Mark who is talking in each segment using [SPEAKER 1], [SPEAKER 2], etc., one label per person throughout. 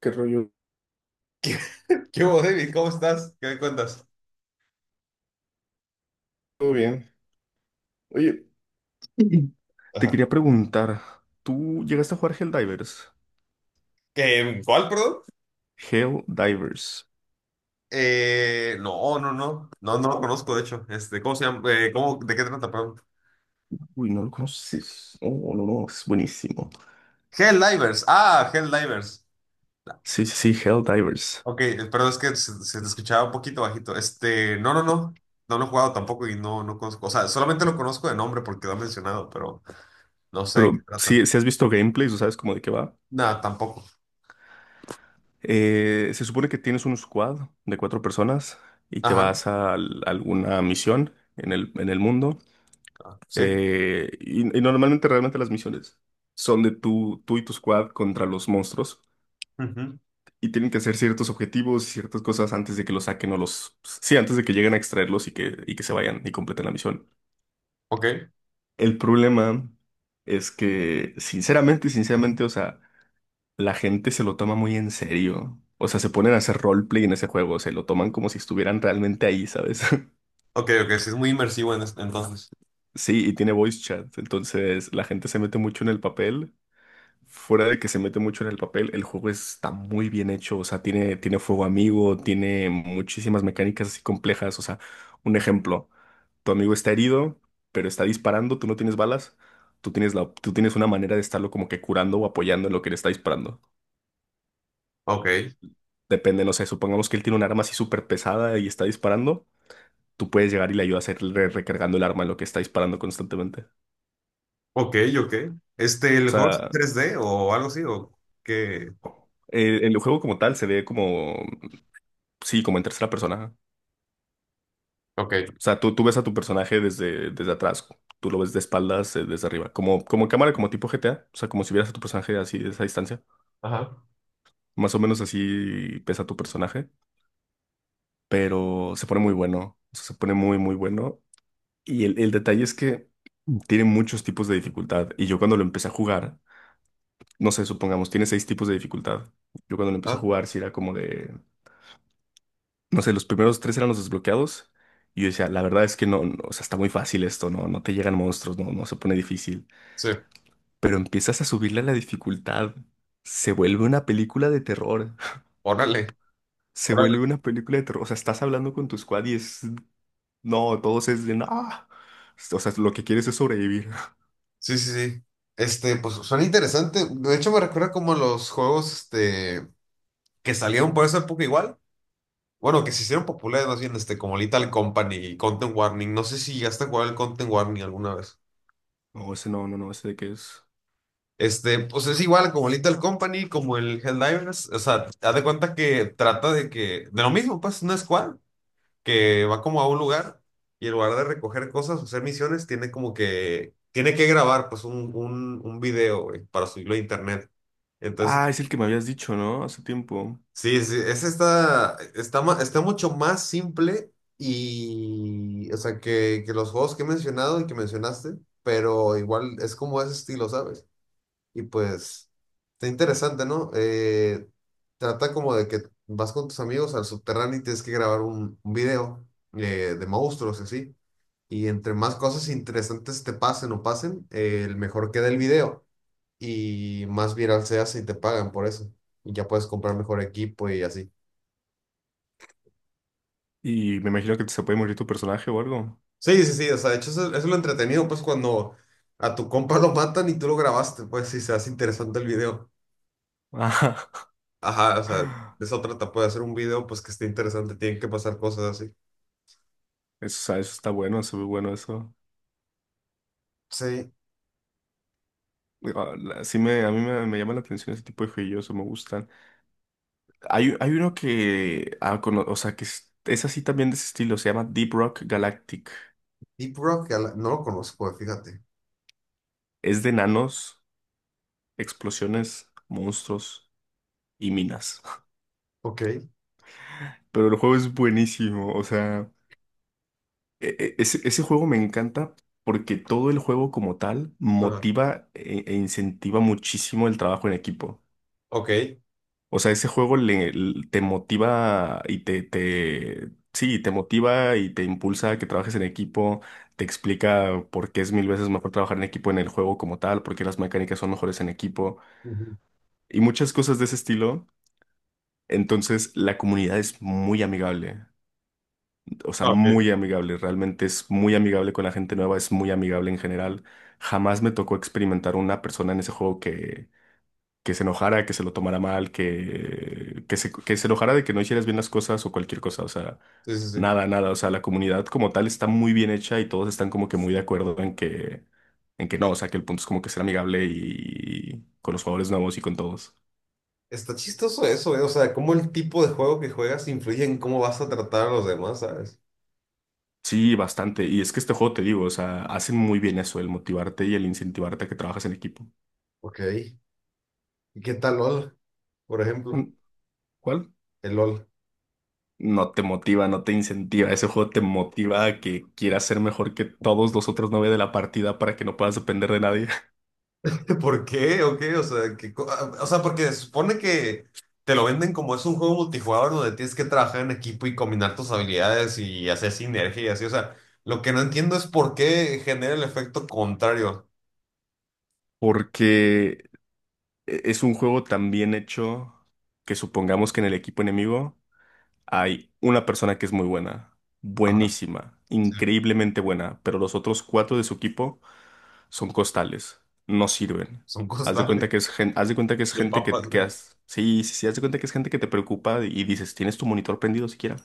[SPEAKER 1] ¿Qué rollo?
[SPEAKER 2] ¿Qué, qué hubo, David? ¿Cómo estás? ¿Qué me cuentas?
[SPEAKER 1] ¿Todo bien? Oye, Mm. te
[SPEAKER 2] Ajá.
[SPEAKER 1] quería preguntar, ¿tú llegaste a jugar Helldivers?
[SPEAKER 2] ¿Cuál, perdón?
[SPEAKER 1] Helldivers.
[SPEAKER 2] No. No, no lo conozco, de hecho. ¿Cómo se llama? ¿De qué trata, perdón?
[SPEAKER 1] Uy, no lo conoces. Oh, no, no, es buenísimo.
[SPEAKER 2] Helldivers. Ah, Helldivers.
[SPEAKER 1] Sí, sí, sí, Helldivers.
[SPEAKER 2] Ok, perdón, es que se te escuchaba un poquito bajito. No. No lo he jugado tampoco y no, no conozco. O sea, solamente lo conozco de nombre porque lo han mencionado, pero no sé de qué
[SPEAKER 1] Pero
[SPEAKER 2] trata.
[SPEAKER 1] si, si has visto gameplays o sabes cómo de qué va.
[SPEAKER 2] Nada, tampoco.
[SPEAKER 1] Se supone que tienes un squad de cuatro personas y te
[SPEAKER 2] Ajá.
[SPEAKER 1] vas a, alguna misión en el mundo.
[SPEAKER 2] Ah, sí.
[SPEAKER 1] Y normalmente realmente las misiones son de tú y tu squad contra los monstruos.
[SPEAKER 2] Ujú.
[SPEAKER 1] Y tienen que hacer ciertos objetivos y ciertas cosas antes de que los saquen o los... Sí, antes de que lleguen a extraerlos y que se vayan y completen la misión.
[SPEAKER 2] Ok.
[SPEAKER 1] El problema es que, sinceramente, o sea, la gente se lo toma muy en serio. O sea, se ponen a hacer roleplay en ese juego, se lo toman como si estuvieran realmente ahí, ¿sabes?
[SPEAKER 2] Ok, ok. Sí, es muy entonces.
[SPEAKER 1] Sí, y tiene voice chat, entonces la gente se mete mucho en el papel. Fuera de que se mete mucho en el papel, el juego está muy bien hecho, o sea, tiene fuego amigo, tiene muchísimas mecánicas así complejas, o sea, un ejemplo, tu amigo está herido, pero está disparando, tú no tienes balas, tú tienes una manera de estarlo como que curando o apoyando en lo que le está disparando.
[SPEAKER 2] Ok.
[SPEAKER 1] Depende, no sé, supongamos que él tiene un arma así súper pesada y está disparando, tú puedes llegar y le ayudas a ir recargando el arma en lo que está disparando constantemente. O
[SPEAKER 2] Ok, ok. ¿El juego es
[SPEAKER 1] sea,
[SPEAKER 2] 3D o algo así, o qué?
[SPEAKER 1] el juego como tal se ve como, sí, como en tercera persona.
[SPEAKER 2] Ok.
[SPEAKER 1] O sea, tú ves a tu personaje desde atrás, tú lo ves de espaldas, desde arriba, como en cámara, como tipo GTA, o sea, como si vieras a tu personaje así, de esa distancia.
[SPEAKER 2] Ajá.
[SPEAKER 1] Más o menos así pesa tu personaje, pero se pone muy bueno, o sea, se pone muy bueno. Y el detalle es que tiene muchos tipos de dificultad, y yo cuando lo empecé a jugar, no sé, supongamos, tiene seis tipos de dificultad. Yo cuando lo empecé a
[SPEAKER 2] Ah,
[SPEAKER 1] jugar, sí era como de, no sé, los primeros tres eran los desbloqueados. Y yo decía, la verdad es que no, no, o sea, está muy fácil esto, no, no te llegan monstruos, no, no se pone difícil.
[SPEAKER 2] sí.
[SPEAKER 1] Pero empiezas a subirle la dificultad. Se vuelve una película de terror.
[SPEAKER 2] Órale.
[SPEAKER 1] Se vuelve
[SPEAKER 2] Órale.
[SPEAKER 1] una película de terror. O sea, estás hablando con tu squad y es. No, todos es de. No. O sea, lo que quieres es sobrevivir.
[SPEAKER 2] Sí, sí, sí. Pues suena interesante. De hecho, me recuerda como los juegos, que salieron por esa época igual. Bueno, que se hicieron populares más bien, como Lethal Company y Content Warning. No sé si llegaste a jugar el Content Warning alguna vez.
[SPEAKER 1] No, ese no, ese de qué es.
[SPEAKER 2] Pues es igual como Little Company, como el Helldivers. O sea, haz de cuenta que trata de lo mismo, pues, una squad que va como a un lugar y en lugar de recoger cosas o hacer misiones, tiene como que, tiene que grabar pues un video, güey, para subirlo a internet. Entonces,
[SPEAKER 1] Ah, es el que me habías dicho, ¿no? Hace tiempo.
[SPEAKER 2] sí, sí, ese está, está mucho más simple y, o sea, que los juegos que he mencionado y que mencionaste, pero igual es como ese estilo, ¿sabes? Y pues, está interesante, ¿no? Trata como de que vas con tus amigos al subterráneo y tienes que grabar un video, de monstruos, y así. Y entre más cosas interesantes te pasen o pasen, el mejor queda el video y más viral se hace y te pagan por eso. Y ya puedes comprar mejor equipo y así.
[SPEAKER 1] Y me imagino que se puede morir tu personaje o algo.
[SPEAKER 2] Sí, sí, sí, o sea, de hecho eso, eso es lo entretenido, pues cuando a tu compa lo matan y tú lo grabaste, pues si se hace interesante el video.
[SPEAKER 1] Ah,
[SPEAKER 2] Ajá, o sea, de otra etapa de hacer un video pues que esté interesante, tienen que pasar cosas así.
[SPEAKER 1] eso, o sea, eso está bueno, se ve bueno eso.
[SPEAKER 2] Sí,
[SPEAKER 1] Ah, sí me, me llama la atención ese tipo de juegos, me gustan. Hay uno que, ah, o sea, que es así también de ese estilo, se llama Deep Rock Galactic.
[SPEAKER 2] Deep Rock, no lo conozco, fíjate.
[SPEAKER 1] Es de nanos, explosiones, monstruos y minas.
[SPEAKER 2] Ok.
[SPEAKER 1] Pero el juego es buenísimo, o sea, ese juego me encanta porque todo el juego como tal
[SPEAKER 2] Ajá.
[SPEAKER 1] motiva e incentiva muchísimo el trabajo en equipo.
[SPEAKER 2] Ok.
[SPEAKER 1] O sea, ese juego le, l- te motiva sí, te motiva y te impulsa a que trabajes en equipo, te explica por qué es mil veces mejor trabajar en equipo en el juego como tal, por qué las mecánicas son mejores en equipo
[SPEAKER 2] Ujú.
[SPEAKER 1] y muchas cosas de ese estilo. Entonces, la comunidad es muy amigable, o sea,
[SPEAKER 2] Ah, ok. Sí,
[SPEAKER 1] muy amigable, realmente es muy amigable con la gente nueva, es muy amigable en general. Jamás me tocó experimentar una persona en ese juego que se enojara, que se lo tomara mal, que se enojara de que no hicieras bien las cosas o cualquier cosa, o sea,
[SPEAKER 2] sí, sí.
[SPEAKER 1] nada, nada, o sea, la comunidad como tal está muy bien hecha y todos están como que muy de acuerdo en en que no, o sea, que el punto es como que ser amigable y con los jugadores nuevos y con todos.
[SPEAKER 2] Está chistoso eso, ¿eh? O sea, cómo el tipo de juego que juegas influye en cómo vas a tratar a los demás, ¿sabes?
[SPEAKER 1] Sí, bastante. Y es que este juego, te digo, o sea, hacen muy bien eso, el motivarte y el incentivarte a que trabajas en equipo.
[SPEAKER 2] Ok. ¿Y qué tal LOL, por ejemplo?
[SPEAKER 1] Mm, ¿cuál?
[SPEAKER 2] El LOL.
[SPEAKER 1] No te motiva, no te incentiva. Ese juego te motiva a que quieras ser mejor que todos los otros nueve de la partida para que no puedas depender de nadie.
[SPEAKER 2] ¿Por qué? ¿O qué? O sea, porque se supone que te lo venden como es un juego multijugador donde tienes que trabajar en equipo y combinar tus habilidades y hacer sinergia y así. O sea, lo que no entiendo es por qué genera el efecto contrario.
[SPEAKER 1] Porque es un juego tan bien hecho que supongamos que en el equipo enemigo hay una persona que es muy buena,
[SPEAKER 2] Ajá,
[SPEAKER 1] buenísima,
[SPEAKER 2] sí,
[SPEAKER 1] increíblemente buena, pero los otros cuatro de su equipo son costales, no sirven.
[SPEAKER 2] son
[SPEAKER 1] Haz de cuenta
[SPEAKER 2] costales
[SPEAKER 1] que es gente, haz de cuenta que es
[SPEAKER 2] de
[SPEAKER 1] gente
[SPEAKER 2] papas, güey.
[SPEAKER 1] sí, sí, sí, haz de cuenta que es gente que te preocupa y dices, ¿tienes tu monitor prendido siquiera? O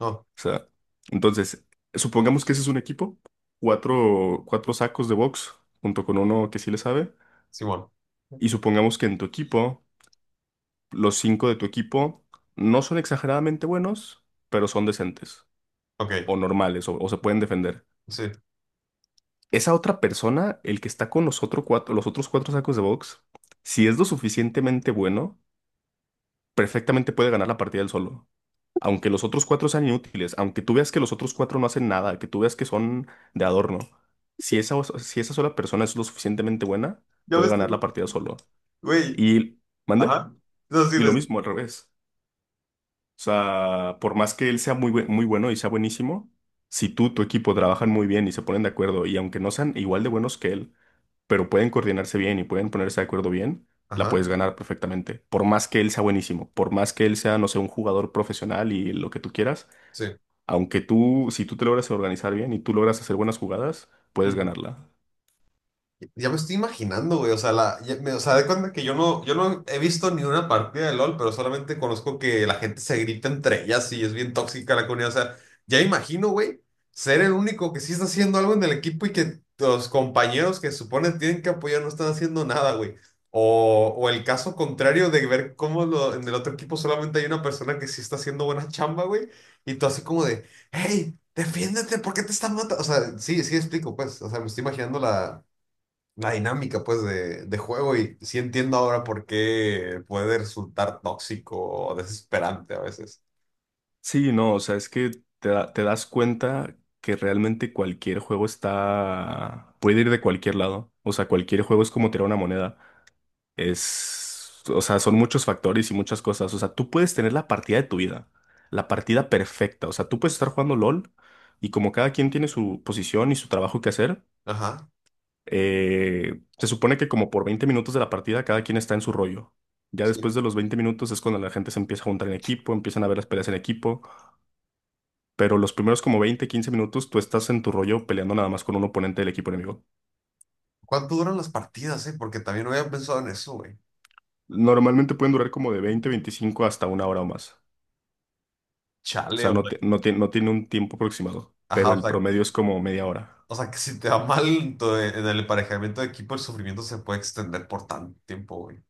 [SPEAKER 2] No,
[SPEAKER 1] sea, entonces, supongamos que ese es un equipo, cuatro sacos de box junto con uno que sí le sabe.
[SPEAKER 2] Simón.
[SPEAKER 1] Y supongamos que en tu equipo los cinco de tu equipo no son exageradamente buenos, pero son decentes
[SPEAKER 2] Ok,
[SPEAKER 1] o normales o se pueden defender.
[SPEAKER 2] sí.
[SPEAKER 1] Esa otra persona, el que está con los, otro cuatro, los otros cuatro sacos de box, si es lo suficientemente bueno, perfectamente puede ganar la partida él solo. Aunque los otros cuatro sean inútiles, aunque tú veas que los otros cuatro no hacen nada, que tú veas que son de adorno, si si esa sola persona es lo suficientemente buena,
[SPEAKER 2] Ya
[SPEAKER 1] puede
[SPEAKER 2] ves, que,
[SPEAKER 1] ganar
[SPEAKER 2] güey.
[SPEAKER 1] la partida solo.
[SPEAKER 2] Güey,
[SPEAKER 1] Y, mande,
[SPEAKER 2] ajá. No, sí
[SPEAKER 1] y lo
[SPEAKER 2] les.
[SPEAKER 1] mismo al revés. O sea, por más que él sea muy bueno y sea buenísimo, si tu equipo trabajan muy bien y se ponen de acuerdo, y aunque no sean igual de buenos que él, pero pueden coordinarse bien y pueden ponerse de acuerdo bien, la
[SPEAKER 2] Ajá,
[SPEAKER 1] puedes ganar perfectamente. Por más que él sea buenísimo, por más que él sea, no sé, un jugador profesional y lo que tú quieras,
[SPEAKER 2] sí.
[SPEAKER 1] si tú te logras organizar bien y tú logras hacer buenas jugadas, puedes
[SPEAKER 2] Ujú.
[SPEAKER 1] ganarla.
[SPEAKER 2] Ya me estoy imaginando, güey. O sea, de cuenta que yo no, yo no he visto ni una partida de LOL, pero solamente conozco que la gente se grita entre ellas y es bien tóxica la comunidad. O sea, ya me imagino, güey, ser el único que sí está haciendo algo en el equipo y que los compañeros que supone tienen que apoyar no están haciendo nada, güey. O el caso contrario de ver en el otro equipo solamente hay una persona que sí está haciendo buena chamba, güey. Y tú así como de, hey, defiéndete, ¿por qué te están matando? O sea, sí, sí explico, pues. O sea, me estoy imaginando la dinámica pues de juego y sí entiendo ahora por qué puede resultar tóxico o desesperante a veces.
[SPEAKER 1] Sí, no, o sea, es que te das cuenta que realmente cualquier juego está, puede ir de cualquier lado. O sea, cualquier juego es como tirar una moneda. Es, o sea, son muchos factores y muchas cosas. O sea, tú puedes tener la partida de tu vida, la partida perfecta. O sea, tú puedes estar jugando LOL y como cada quien tiene su posición y su trabajo que hacer,
[SPEAKER 2] Ajá,
[SPEAKER 1] se supone que como por 20 minutos de la partida cada quien está en su rollo. Ya
[SPEAKER 2] sí.
[SPEAKER 1] después de los 20 minutos es cuando la gente se empieza a juntar en equipo, empiezan a ver las peleas en equipo. Pero los primeros como 20 15 minutos tú estás en tu rollo peleando nada más con un oponente del equipo enemigo.
[SPEAKER 2] ¿Cuánto duran las partidas, eh? Porque también no había pensado en eso, güey.
[SPEAKER 1] Normalmente pueden durar como de 20 25 hasta una hora o más. O
[SPEAKER 2] Chale,
[SPEAKER 1] sea,
[SPEAKER 2] o sea,
[SPEAKER 1] no tiene un tiempo aproximado, pero
[SPEAKER 2] ajá,
[SPEAKER 1] el promedio es como media hora.
[SPEAKER 2] o sea, que si te va mal en el emparejamiento de equipo, el sufrimiento se puede extender por tanto tiempo, güey.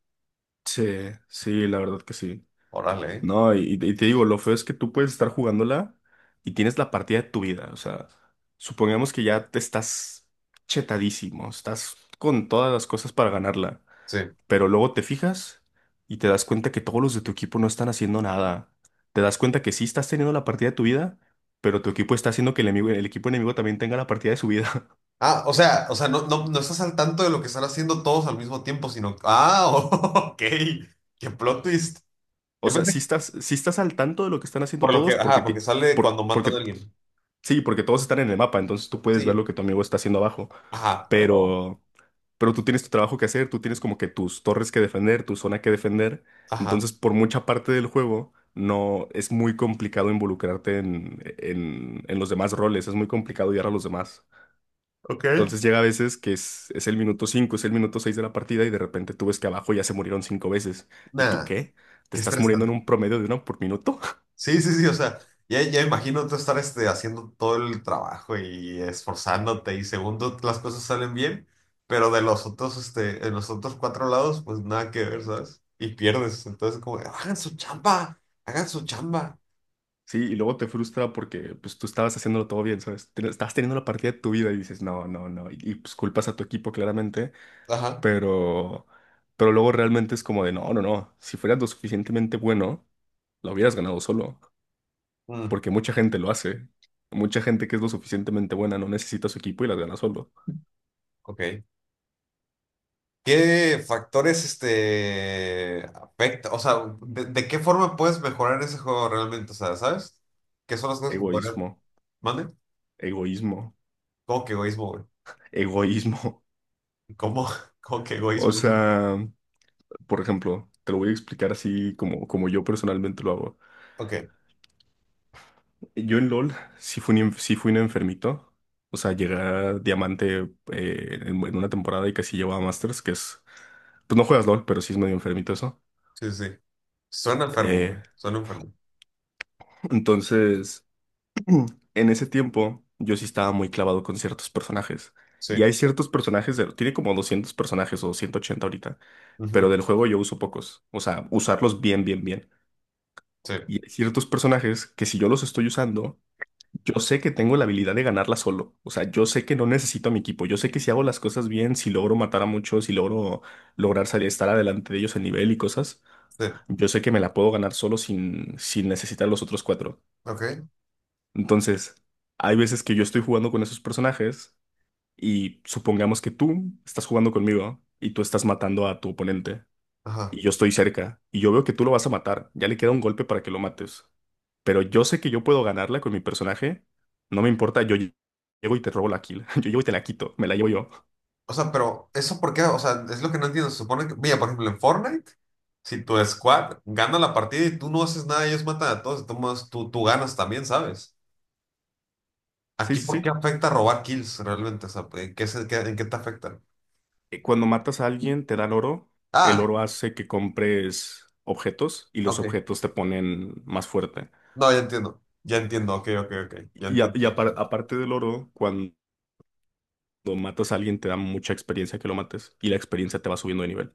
[SPEAKER 1] Sí, sí, la verdad que sí.
[SPEAKER 2] Órale, ¿eh?
[SPEAKER 1] No, y te digo, lo feo es que tú puedes estar jugándola y tienes la partida de tu vida. O sea, supongamos que ya te estás chetadísimo, estás con todas las cosas para ganarla,
[SPEAKER 2] Sí.
[SPEAKER 1] pero luego te fijas y te das cuenta que todos los de tu equipo no están haciendo nada. Te das cuenta que sí estás teniendo la partida de tu vida, pero tu equipo está haciendo que el equipo enemigo también tenga la partida de su vida.
[SPEAKER 2] Ah, o sea, no, no, no estás al tanto de lo que están haciendo todos al mismo tiempo, sino, ah, ok, qué plot twist.
[SPEAKER 1] O
[SPEAKER 2] Yo
[SPEAKER 1] sea,
[SPEAKER 2] pensé que-
[SPEAKER 1] sí estás al tanto de lo que están haciendo
[SPEAKER 2] por lo que,
[SPEAKER 1] todos
[SPEAKER 2] ajá,
[SPEAKER 1] porque,
[SPEAKER 2] porque sale cuando matan a
[SPEAKER 1] porque
[SPEAKER 2] alguien.
[SPEAKER 1] sí, porque todos están en el mapa, entonces tú puedes ver lo
[SPEAKER 2] Sí,
[SPEAKER 1] que tu amigo está haciendo abajo.
[SPEAKER 2] ajá, pero,
[SPEAKER 1] Pero, pero tú tienes tu trabajo que hacer, tú tienes como que tus torres que defender, tu zona que defender.
[SPEAKER 2] ajá,
[SPEAKER 1] Entonces, por mucha parte del juego, no es muy complicado involucrarte en los demás roles, es muy complicado guiar a los demás.
[SPEAKER 2] ok,
[SPEAKER 1] Entonces llega a veces que es el minuto 5, es el minuto 6 de la partida y de repente tú ves que abajo ya se murieron cinco veces. ¿Y tú
[SPEAKER 2] nada,
[SPEAKER 1] qué? ¿Te
[SPEAKER 2] qué
[SPEAKER 1] estás muriendo en
[SPEAKER 2] estresante.
[SPEAKER 1] un promedio de uno por minuto?
[SPEAKER 2] Sí, sí, sí, o sea, ya, ya imagino tú estar haciendo todo el trabajo y esforzándote y segundo las cosas salen bien, pero de los otros, en los otros cuatro lados, pues nada que ver, ¿sabes? Y pierdes, entonces como, hagan su chamba, hagan su chamba.
[SPEAKER 1] Sí, y luego te frustra porque pues tú estabas haciéndolo todo bien, ¿sabes? Estabas teniendo la partida de tu vida y dices, no, no, no, pues culpas a tu equipo claramente,
[SPEAKER 2] Ajá,
[SPEAKER 1] pero, pero luego realmente es como de, no, no, no, si fueras lo suficientemente bueno, lo hubieras ganado solo,
[SPEAKER 2] mm,
[SPEAKER 1] porque mucha gente lo hace, mucha gente que es lo suficientemente buena no necesita su equipo y las gana solo.
[SPEAKER 2] ok. ¿Qué factores, afecta? O sea, de qué forma puedes mejorar ese juego realmente? O sea, ¿sabes? ¿Qué son las cosas que podrías?
[SPEAKER 1] Egoísmo,
[SPEAKER 2] ¿Mande?
[SPEAKER 1] egoísmo,
[SPEAKER 2] ¿Cómo que egoísmo, güey?
[SPEAKER 1] egoísmo.
[SPEAKER 2] ¿Cómo? ¿Cómo que
[SPEAKER 1] O
[SPEAKER 2] egoísmo, güey?
[SPEAKER 1] sea, por ejemplo, te lo voy a explicar así como, como yo personalmente lo hago.
[SPEAKER 2] Ok,
[SPEAKER 1] Yo en LOL sí fui un, sí fui un enfermito. O sea, llegué a diamante en una temporada y casi llevaba Masters, que es... Pues no juegas LOL, pero sí es medio enfermito eso.
[SPEAKER 2] sí, sí, sí. Suena enfermo,
[SPEAKER 1] Eh,
[SPEAKER 2] güey. Suena enfermo.
[SPEAKER 1] entonces, en ese tiempo yo sí estaba muy clavado con ciertos personajes.
[SPEAKER 2] Sí.
[SPEAKER 1] Y hay ciertos personajes, tiene como 200 personajes o 180 ahorita, pero
[SPEAKER 2] Ujú,
[SPEAKER 1] del juego yo uso pocos. O sea, usarlos bien.
[SPEAKER 2] sí,
[SPEAKER 1] Y hay ciertos personajes que si yo los estoy usando, yo sé que tengo la habilidad de ganarla solo. O sea, yo sé que no necesito a mi equipo. Yo sé que si hago las cosas bien, si logro matar a muchos, si logro lograr salir, estar adelante de ellos en nivel y cosas,
[SPEAKER 2] sí.
[SPEAKER 1] yo sé que me la puedo ganar solo sin necesitar a los otros cuatro.
[SPEAKER 2] Ok,
[SPEAKER 1] Entonces, hay veces que yo estoy jugando con esos personajes y supongamos que tú estás jugando conmigo y tú estás matando a tu oponente
[SPEAKER 2] ajá.
[SPEAKER 1] y yo estoy cerca, y yo veo que tú lo vas a matar, ya le queda un golpe para que lo mates. Pero yo sé que yo puedo ganarla con mi personaje, no me importa, llego y te robo la kill, yo llego y te la quito, me la llevo yo.
[SPEAKER 2] O sea, pero ¿eso por qué? O sea, es lo que no entiendo. Se supone que, mira, por ejemplo, en Fortnite, si tu squad gana la partida y tú no haces nada, ellos matan a todos, de todos modos, tú ganas también, ¿sabes?
[SPEAKER 1] Sí,
[SPEAKER 2] Aquí,
[SPEAKER 1] sí,
[SPEAKER 2] ¿por qué
[SPEAKER 1] sí.
[SPEAKER 2] afecta robar kills realmente? ¿En qué te afecta?
[SPEAKER 1] Cuando matas a alguien, te dan oro, el
[SPEAKER 2] Ah,
[SPEAKER 1] oro hace que compres objetos y los
[SPEAKER 2] ok.
[SPEAKER 1] objetos te ponen más fuerte.
[SPEAKER 2] No, ya entiendo. Ya entiendo, ok, ok, ok. Ya entiendo.
[SPEAKER 1] Aparte del oro, cuando matas a alguien, te da mucha experiencia que lo mates y la experiencia te va subiendo de nivel.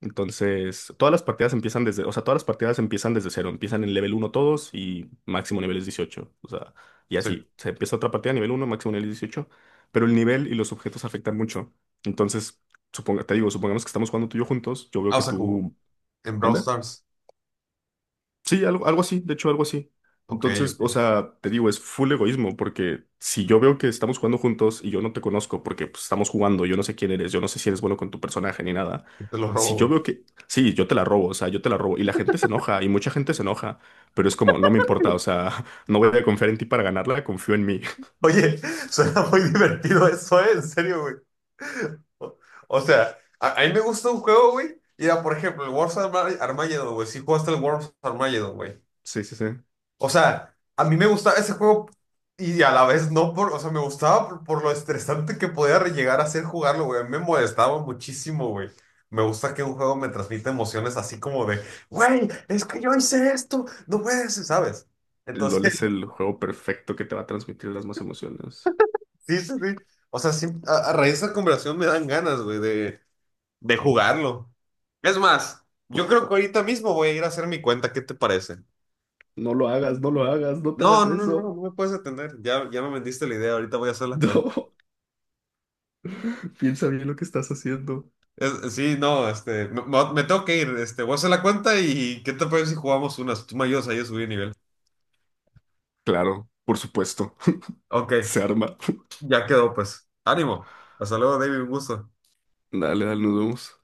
[SPEAKER 1] Entonces, todas las partidas empiezan desde, o sea, todas las partidas empiezan desde cero, empiezan en level uno todos y máximo nivel es 18, o sea, y
[SPEAKER 2] Sí.
[SPEAKER 1] así, se empieza otra partida a nivel uno máximo nivel es 18, pero el nivel y los objetos afectan mucho. Entonces, suponga, te digo, supongamos que estamos jugando tú y yo juntos, yo veo
[SPEAKER 2] Ah, o
[SPEAKER 1] que
[SPEAKER 2] sea, como,
[SPEAKER 1] tú,
[SPEAKER 2] en Brawl
[SPEAKER 1] ¿mande?
[SPEAKER 2] Stars.
[SPEAKER 1] Sí, algo, algo así, de hecho, algo así.
[SPEAKER 2] Ok,
[SPEAKER 1] Entonces,
[SPEAKER 2] ok.
[SPEAKER 1] o sea, te digo, es full egoísmo, porque si yo veo que estamos jugando juntos y yo no te conozco, porque pues, estamos jugando, yo no sé quién eres, yo no sé si eres bueno con tu personaje ni nada.
[SPEAKER 2] Yo te lo robo,
[SPEAKER 1] Si yo
[SPEAKER 2] güey.
[SPEAKER 1] veo que, sí, yo te la robo, o sea, yo te la robo, y la gente se enoja, y mucha gente se enoja, pero es como, no me importa, o sea, no voy a confiar en ti para ganarla, confío en mí.
[SPEAKER 2] Oye, suena muy divertido eso, ¿eh? En serio, güey. O, o sea, a mí me gusta un juego, güey. Mira, por ejemplo, el Armageddon, güey. Sí jugaste el Wars Armageddon, güey.
[SPEAKER 1] Sí, sí, sí.
[SPEAKER 2] O sea, a mí me gustaba ese juego y a la vez no por... O sea, me gustaba por lo estresante que llegar a ser jugarlo, güey. A mí me molestaba muchísimo, güey. Me gusta que un juego me transmita emociones así como de, güey, es que yo hice esto, no puedes, ¿sabes?
[SPEAKER 1] LOL
[SPEAKER 2] Entonces
[SPEAKER 1] es el juego perfecto que te va a transmitir las más emociones.
[SPEAKER 2] sí, sí, sí. O sea, sí, a raíz de esa conversación me dan ganas, güey, de jugarlo. Es más, yo creo que ahorita mismo voy a ir a hacer mi cuenta. ¿Qué te parece?
[SPEAKER 1] No lo hagas, no lo hagas, no te
[SPEAKER 2] No,
[SPEAKER 1] hagas
[SPEAKER 2] no, no, no,
[SPEAKER 1] eso.
[SPEAKER 2] no me puedes atender. Ya, ya me vendiste la idea. Ahorita voy a hacer la cuenta.
[SPEAKER 1] No, piensa bien lo que estás haciendo.
[SPEAKER 2] No, me tengo que ir. Voy a hacer la cuenta y ¿qué te parece si jugamos unas? Tú me ayudas ahí a subir nivel.
[SPEAKER 1] Claro, por supuesto.
[SPEAKER 2] Ok,
[SPEAKER 1] Se arma.
[SPEAKER 2] ya quedó, pues. Ánimo. Hasta luego, David. Un gusto.
[SPEAKER 1] Dale, dale, nos vemos.